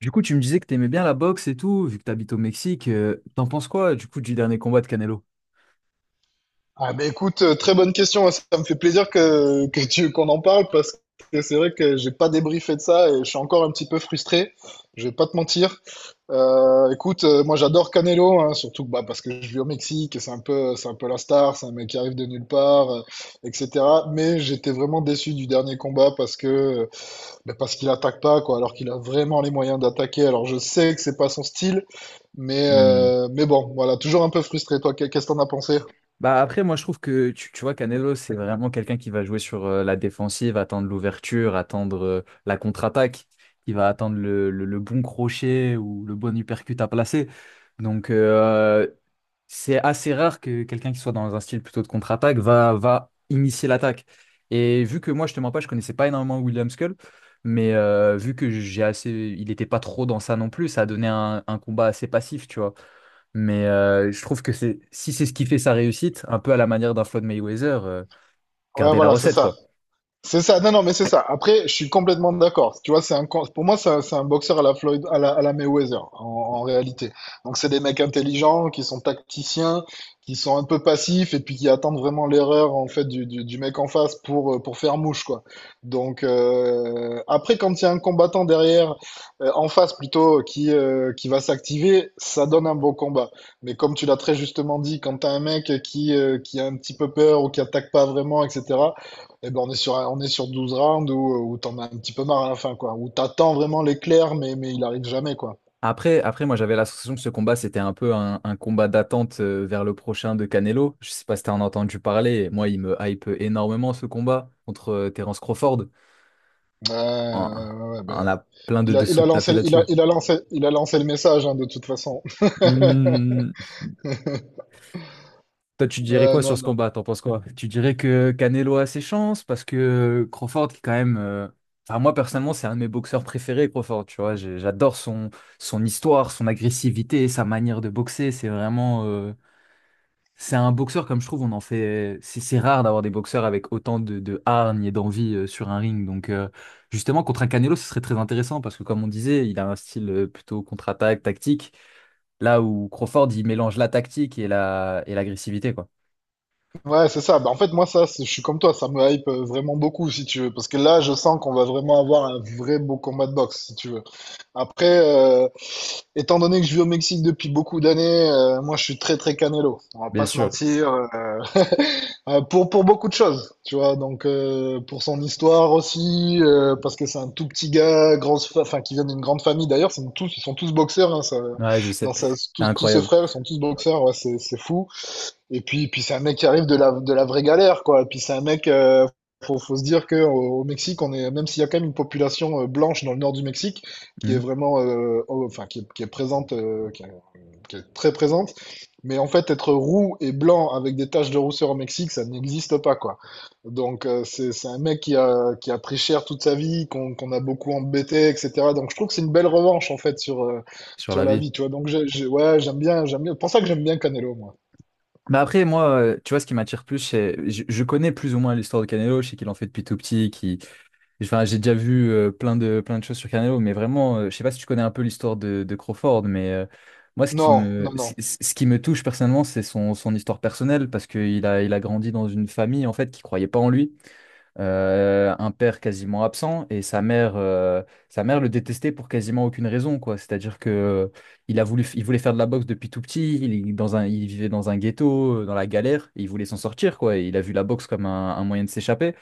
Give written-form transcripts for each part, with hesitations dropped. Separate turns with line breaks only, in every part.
Du coup, tu me disais que t'aimais bien la boxe et tout, vu que t'habites au Mexique. T'en penses quoi, du coup, du dernier combat de Canelo?
Ah ben écoute, très bonne question, hein. Ça me fait plaisir qu'on en parle parce que c'est vrai que j'ai pas débriefé de ça et je suis encore un petit peu frustré. Je vais pas te mentir. Écoute, moi j'adore Canelo, hein, surtout bah, parce que je vis au Mexique et c'est un peu la star, c'est un mec qui arrive de nulle part, etc. Mais j'étais vraiment déçu du dernier combat parce qu'il attaque pas quoi, alors qu'il a vraiment les moyens d'attaquer. Alors je sais que c'est pas son style,
Hmm.
mais bon, voilà, toujours un peu frustré. Toi, qu'est-ce que t'en as pensé?
Bah après, moi je trouve que tu vois, Canelo, c'est vraiment quelqu'un qui va jouer sur la défensive, attendre l'ouverture, attendre la contre-attaque, qui va attendre le bon crochet ou le bon uppercut à placer. Donc c'est assez rare que quelqu'un qui soit dans un style plutôt de contre-attaque va initier l'attaque. Et vu que moi, je te mens pas, je connaissais pas énormément William Skull, mais vu que j'ai assez, il était pas trop dans ça non plus, ça a donné un combat assez passif, tu vois. Mais je trouve que c'est, si c'est ce qui fait sa réussite, un peu à la manière d'un Floyd Mayweather,
Ouais,
garder la
voilà, c'est
recette,
ça.
quoi.
C'est ça, non, non, mais c'est ça. Après, je suis complètement d'accord. Tu vois, pour moi, c'est un boxeur à la Floyd, à la Mayweather, en réalité. Donc, c'est des mecs intelligents, qui sont tacticiens, qui sont un peu passifs, et puis qui attendent vraiment l'erreur, en fait, du mec en face pour faire mouche, quoi. Donc, après, quand il y a un combattant derrière, en face plutôt, qui va s'activer, ça donne un beau combat. Mais comme tu l'as très justement dit, quand t'as un mec qui a un petit peu peur ou qui attaque pas vraiment, etc., eh ben on est sur 12 rounds où t'en as un petit peu marre à la fin, quoi. Où t'attends vraiment l'éclair, mais il arrive jamais, quoi.
Après, moi j'avais l'impression que ce combat c'était un peu un combat d'attente vers le prochain de Canelo. Je sais pas si t'en as entendu parler. Moi, il me hype énormément ce combat contre Terence Crawford.
Ouais,
On,
ouais, ouais,
on
ben,
a plein de dessous de tapis là-dessus.
il a lancé le message, hein, de toute façon.
Hmm, Toi, tu dirais
Ouais,
quoi
non,
sur ce
non.
combat? T'en penses quoi? Tu dirais que Canelo a ses chances parce que Crawford, qui est quand même. Enfin, moi personnellement, c'est un de mes boxeurs préférés, Crawford. Tu vois, J'ai- j'adore son histoire, son agressivité, sa manière de boxer. C'est vraiment. C'est un boxeur, comme je trouve, on en fait. C'est rare d'avoir des boxeurs avec autant de hargne et d'envie sur un ring. Donc, justement, contre un Canelo, ce serait très intéressant parce que, comme on disait, il a un style plutôt contre-attaque, tactique. Là où Crawford, il mélange la tactique et l'agressivité, quoi.
Ouais, c'est ça. Bah, en fait, moi, ça, je suis comme toi, ça me hype vraiment beaucoup, si tu veux. Parce que là, je sens qu'on va vraiment avoir un vrai beau combat de boxe, si tu veux. Après, étant donné que je vis au Mexique depuis beaucoup d'années, moi, je suis très, très Canelo. On va
Bien
pas se
sûr.
mentir. Pour beaucoup de choses, tu vois. Donc, pour son histoire aussi, parce que c'est un tout petit gars, enfin, qui vient d'une grande famille. D'ailleurs, ils sont tous boxeurs. Hein.
Ouais, je sais. C'est
Tous ses
incroyable.
frères, ils sont tous boxeurs. Ouais, c'est fou. Et puis c'est un mec qui arrive de la vraie galère, quoi. Et puis c'est un mec, faut se dire que au Mexique, on est, même s'il y a quand même une population blanche dans le nord du Mexique, qui est
Mhm.
vraiment, enfin, qui est présente, qui est très présente. Mais en fait, être roux et blanc avec des taches de rousseur au Mexique, ça n'existe pas, quoi. Donc, c'est un mec qui a pris cher toute sa vie, qu'on a beaucoup embêté, etc. Donc, je trouve que c'est une belle revanche, en fait, sur, euh,
Sur
sur
la
la
vie.
vie, tu vois. Donc, ouais, j'aime bien, j'aime bien. C'est pour ça que j'aime bien Canelo, moi.
Bah après, moi, tu vois, ce qui m'attire plus, c'est. Je connais plus ou moins l'histoire de Canelo, je sais qu'il en fait depuis tout petit, qu'il. Enfin, j'ai déjà vu plein de choses sur Canelo, mais vraiment, je sais pas si tu connais un peu l'histoire de Crawford, mais moi, ce qui
Non,
me,
non,
ce
non.
ce- qui me touche personnellement, c'est son histoire personnelle, parce qu'il a grandi dans une famille, en fait, qui croyait pas en lui. Un père quasiment absent, et sa mère le détestait pour quasiment aucune raison, quoi. C'est-à-dire que il voulait faire de la boxe depuis tout petit, il vivait dans un ghetto, dans la galère, et il voulait s'en sortir, quoi. Et il a vu la boxe comme un moyen de s'échapper.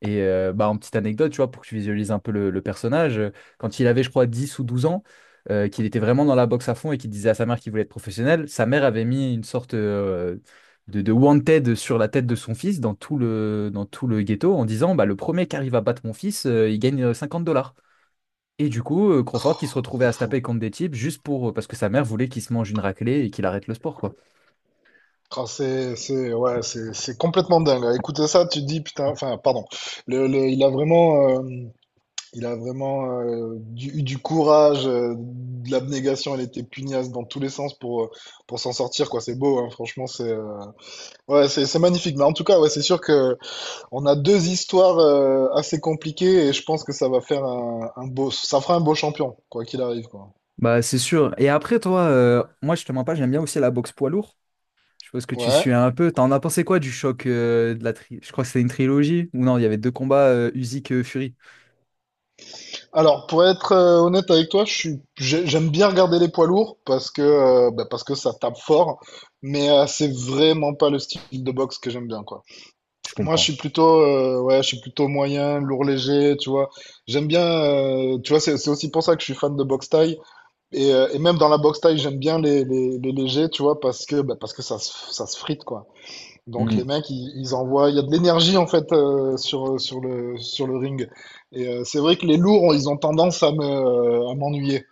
Et bah, en petite anecdote, tu vois, pour que tu visualises un peu le personnage, quand il avait, je crois, 10 ou 12 ans, qu'il était vraiment dans la boxe à fond et qu'il disait à sa mère qu'il voulait être professionnel, sa mère avait mis une sorte de wanted sur la tête de son fils dans tout le ghetto, en disant bah, le premier qui arrive à battre mon fils, il gagne 50 dollars. Et du coup, Crawford qui se retrouvait
C'est
à se
fou.
taper contre des types juste pour parce que sa mère voulait qu'il se mange une raclée et qu'il arrête le sport, quoi.
Ah, ouais, c'est complètement dingue. Écoutez ça, tu te dis, putain, enfin, pardon. Le, le- il a vraiment, euh, il a vraiment eu du courage, de l'abnégation. Elle était pugnace dans tous les sens pour s'en sortir, quoi. C'est beau, hein, franchement, ouais, c'est magnifique. Mais en tout cas, ouais, c'est sûr que on a deux histoires assez compliquées et je pense que ça va faire ça fera un beau champion, quoi qu'il arrive, quoi.
Bah, c'est sûr. Et après, toi, moi, je te mens pas, j'aime bien aussi la boxe poids lourd. Je pense que tu
Ouais.
suis un peu. T'en as pensé quoi du choc, je crois que c'était une trilogie? Ou non, il y avait deux combats Usyk Fury.
Alors, pour être honnête avec toi, j'aime bien regarder les poids lourds parce que ça tape fort, c'est vraiment pas le style de boxe que j'aime bien, quoi.
Je
Moi,
comprends.
ouais, je suis plutôt moyen, lourd léger, tu vois. J'aime bien, tu vois, c'est aussi pour ça que je suis fan de boxe thaï. Et même dans la boxe thaï, j'aime bien les légers, tu vois, parce que ça se frite, quoi. Donc les
Mhm.
mecs, ils envoient, il y a de l'énergie en fait sur le ring. C'est vrai que les lourds, ils ont tendance à m'ennuyer.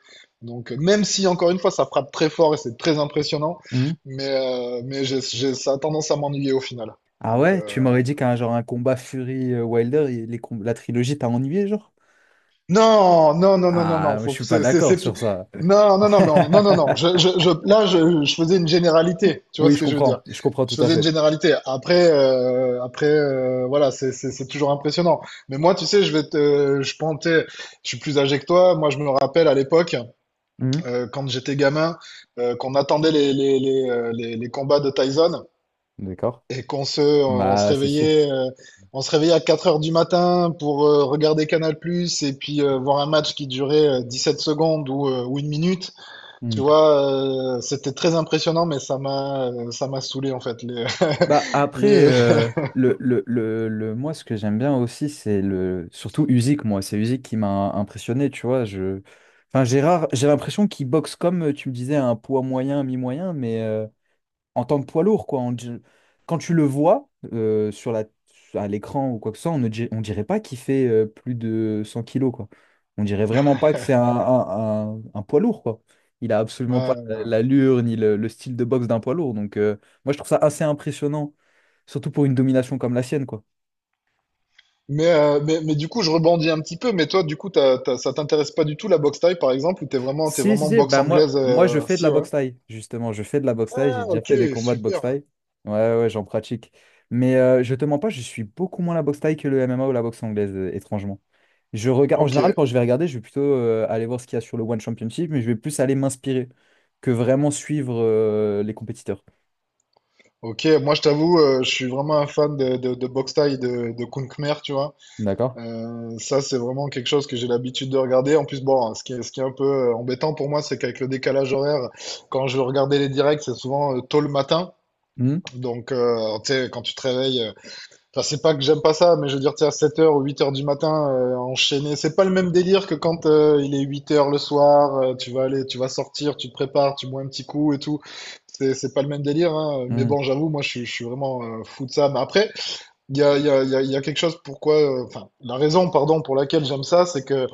Même si encore une fois ça frappe très fort et c'est très impressionnant,
Mhm.
mais ça a tendance à m'ennuyer au final.
Ah
Donc
ouais, tu
euh,
m'aurais dit qu'un genre un combat Fury Wilder, la trilogie t'a ennuyé, genre?
Non, non, non, non, non, non,
Ah, je
faut,
suis pas d'accord
c'est- plus-
sur ça.
non, non, non, non, non, non, là, je faisais une généralité, tu vois
Oui,
ce
je
que je veux dire?
comprends. Je comprends
Je
tout à
faisais une
fait.
généralité. Après, voilà, c'est toujours impressionnant. Mais moi, tu sais, je pensais, je suis plus âgé que toi. Moi, je me rappelle à l'époque,
Mhm.
quand j'étais gamin, qu'on attendait les combats de Tyson.
D'accord.
Et qu'on se,
Bah, c'est sûr.
on se réveillait à 4 heures du matin pour regarder Canal+, et puis voir un match qui durait 7 secondes ou 1 minute. Tu
Mmh.
vois, c'était très impressionnant, mais ça m'a saoulé en fait. Les,
Bah après,
les.
moi, ce que j'aime bien aussi, c'est le surtout Usyk, moi. C'est Usyk qui m'a impressionné, tu vois. Enfin, Gérard, j'ai l'impression qu'il boxe comme, tu me disais, un poids moyen, un mi-moyen, mais en tant que poids lourd, quoi. Quand tu le vois à l'écran ou quoi que ce soit, on ne di- on dirait pas qu'il fait plus de 100 kilos, quoi. On dirait vraiment pas que c'est un, un poids lourd, quoi. Il a absolument pas
Ouais.
l'allure ni le style de boxe d'un poids lourd. Donc, moi, je trouve ça assez impressionnant, surtout pour une domination comme la sienne, quoi.
Mais du coup, je rebondis un petit peu. Mais toi, du coup, ça t'intéresse pas du tout la boxe thaï, par exemple, ou t'es vraiment, t'es
Si, si,
vraiment
si,
boxe
bah moi,
anglaise,
moi je fais de
si,
la
ouais.
boxe thaï, justement, je fais de la boxe thaï, j'ai
Ah,
déjà
ok,
fait des combats de boxe
super.
thaï. Ouais, ouais, j'en pratique. Mais je te mens pas, je suis beaucoup moins la boxe thaï que le MMA ou la boxe anglaise, étrangement. Je regarde, en
Ok.
général, quand je vais regarder, je vais plutôt aller voir ce qu'il y a sur le One Championship, mais je vais plus aller m'inspirer que vraiment suivre les compétiteurs.
Ok, moi je t'avoue, je suis vraiment un fan de boxe thaï, de Kung Khmer, tu vois.
D'accord?
Ça, c'est vraiment quelque chose que j'ai l'habitude de regarder. En plus, bon, ce qui est un peu embêtant pour moi, c'est qu'avec le décalage horaire, quand je regardais les directs, c'est souvent tôt le matin.
Hmm.
Donc, tu sais, quand tu te réveilles, enfin, c'est pas que j'aime pas ça, mais je veux dire, tu sais, à 7h ou 8h du matin, enchaîner, c'est pas le même délire que quand il est 8h le soir, tu vas aller, tu vas sortir, tu te prépares, tu bois un petit coup et tout. C'est pas le même délire, hein. Mais
Hmm.
bon, j'avoue, moi, je suis vraiment fou de ça. Mais après, il y a, il y a, il y a, il y a quelque chose pourquoi, enfin, la raison, pardon, pour laquelle j'aime ça, c'est que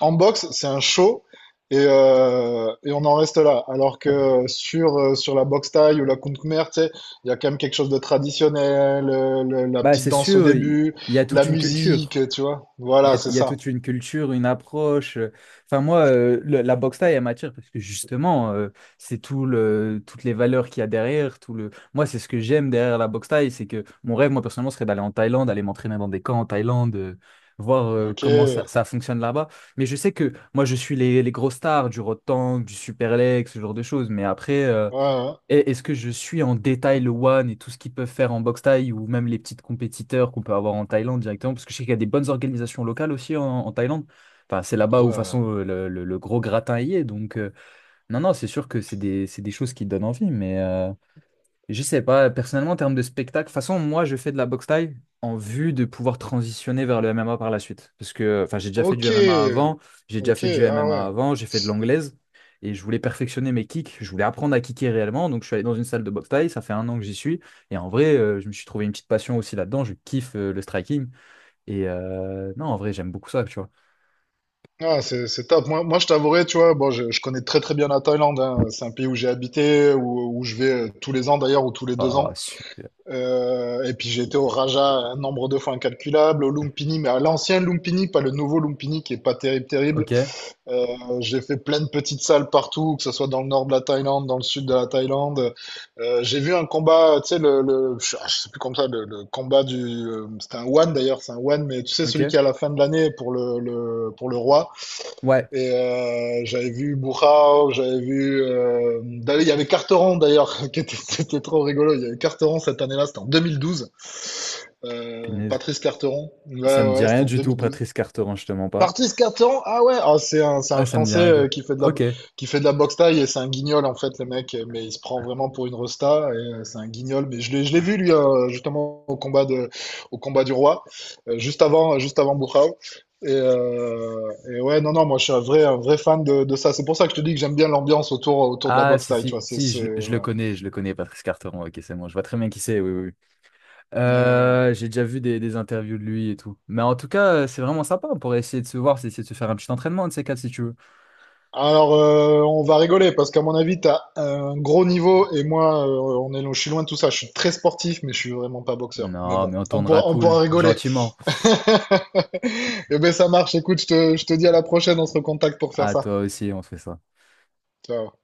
en boxe, c'est un show et on en reste là. Alors que sur la boxe thaï ou la Kung Khmer, tu sais, il y a quand même quelque chose de traditionnel, la
Bah,
petite
c'est
danse au
sûr, il
début,
y a
la
toute une culture.
musique, tu vois.
Il y
Voilà,
a,
c'est
il y a
ça.
toute une culture, une approche. Enfin, moi, la boxe taille, elle m'attire parce que justement, c'est toutes les valeurs qu'il y a derrière. Moi, c'est ce que j'aime derrière la boxe taille. C'est que mon rêve, moi, personnellement, serait d'aller en Thaïlande, aller m'entraîner dans des camps en Thaïlande, voir
Ok.
comment
Ouais,
ça fonctionne là-bas. Mais je sais que moi, je suis les gros stars du Rotan, du Superlex, ce genre de choses. Mais après,
ouais.
et est-ce que je suis en détail le One et tout ce qu'ils peuvent faire en boxe thaï, ou même les petites compétiteurs qu'on peut avoir en Thaïlande directement? Parce que je sais qu'il y a des bonnes organisations locales aussi en, en Thaïlande. Enfin, c'est là-bas où, de toute façon,
Ouais.
le gros gratin y est. Donc, non, non, c'est sûr que c'est des choses qui donnent envie. Mais, je sais pas, personnellement, en termes de spectacle, de toute façon, moi, je fais de la boxe thaï en vue de pouvoir transitionner vers le MMA par la suite. Parce que, enfin, j'ai déjà fait du
Ok.
MMA avant, j'ai déjà
Ok.
fait du
Ah
MMA
ouais.
avant, j'ai fait de l'anglaise, et je voulais perfectionner mes kicks, je voulais apprendre à kicker réellement, donc je suis allé dans une salle de boxe thaï, ça fait un an que j'y suis, et en vrai, je me suis trouvé une petite passion aussi là-dedans, je kiffe le striking, et non, en vrai, j'aime beaucoup ça, tu vois.
Ah, c'est top. Moi, je t'avouerai, tu vois, bon, je connais très très bien la Thaïlande. Hein. C'est un pays où j'ai habité, où je vais tous les ans d'ailleurs, ou tous les deux
Ah,
ans.
super.
Et puis j'ai été au Raja un nombre de fois incalculable, au Lumpini, mais à l'ancien Lumpini, pas le nouveau Lumpini qui est pas terrible, terrible.
Ok,
Euh, j'ai fait plein de petites salles partout, que ce soit dans le nord de la Thaïlande, dans le sud de la Thaïlande. J'ai vu un combat, tu sais, je ah, je sais plus comme ça, le combat c'était un one d'ailleurs, c'est un one, mais tu sais
ok.
celui qui est à la fin de l'année pour le roi.
Ouais,
J'avais vu Bourrao, j'avais vu. D'ailleurs, il y avait Carteron d'ailleurs, c'était trop rigolo. Il y avait Carteron cette année-là, c'était en 2012.
punaise.
Patrice Carteron. Ouais,
Ça me
ouais,
dit
ouais, c'était
rien
en
du tout,
2012.
Patrice Carteron, je te mens pas.
Martis Carton, ah ouais, ah, c'est un
Ah, ça me dit
Français
rien du tout.
qui fait de la,
Ok.
qui fait de la boxe taille et c'est un guignol en fait le mec, mais il se prend vraiment pour une resta et c'est un guignol. Mais je l'ai vu lui justement au combat du roi, juste avant Buchau. Et ouais, non, non, moi je suis un vrai fan de ça. C'est pour ça que je te dis que j'aime bien l'ambiance autour de la
Ah,
boxe
si,
taille, tu
si,
vois.
si, je, le je le
Ouais.
connais, je le connais, Patrice Carteron. Ok, c'est bon, je vois très bien qui c'est, oui, oui, oui.
Euh,
J'ai déjà vu des interviews de lui et tout. Mais en tout cas, c'est vraiment sympa. On pourrait essayer de se voir, c'est essayer de se faire un petit entraînement, de ces quatre, si tu veux.
Alors, on va rigoler parce qu'à mon avis, tu as un gros niveau et moi, je suis loin de tout ça. Je suis très sportif, mais je suis vraiment pas boxeur. Mais
Non,
bon,
mais on
on
tournera
pourra, on
cool,
pourra rigoler.
gentiment.
Eh ben, ça marche. Écoute, je te dis à la prochaine. On se recontacte pour faire
Ah,
ça.
toi aussi, on fait ça.
Ciao.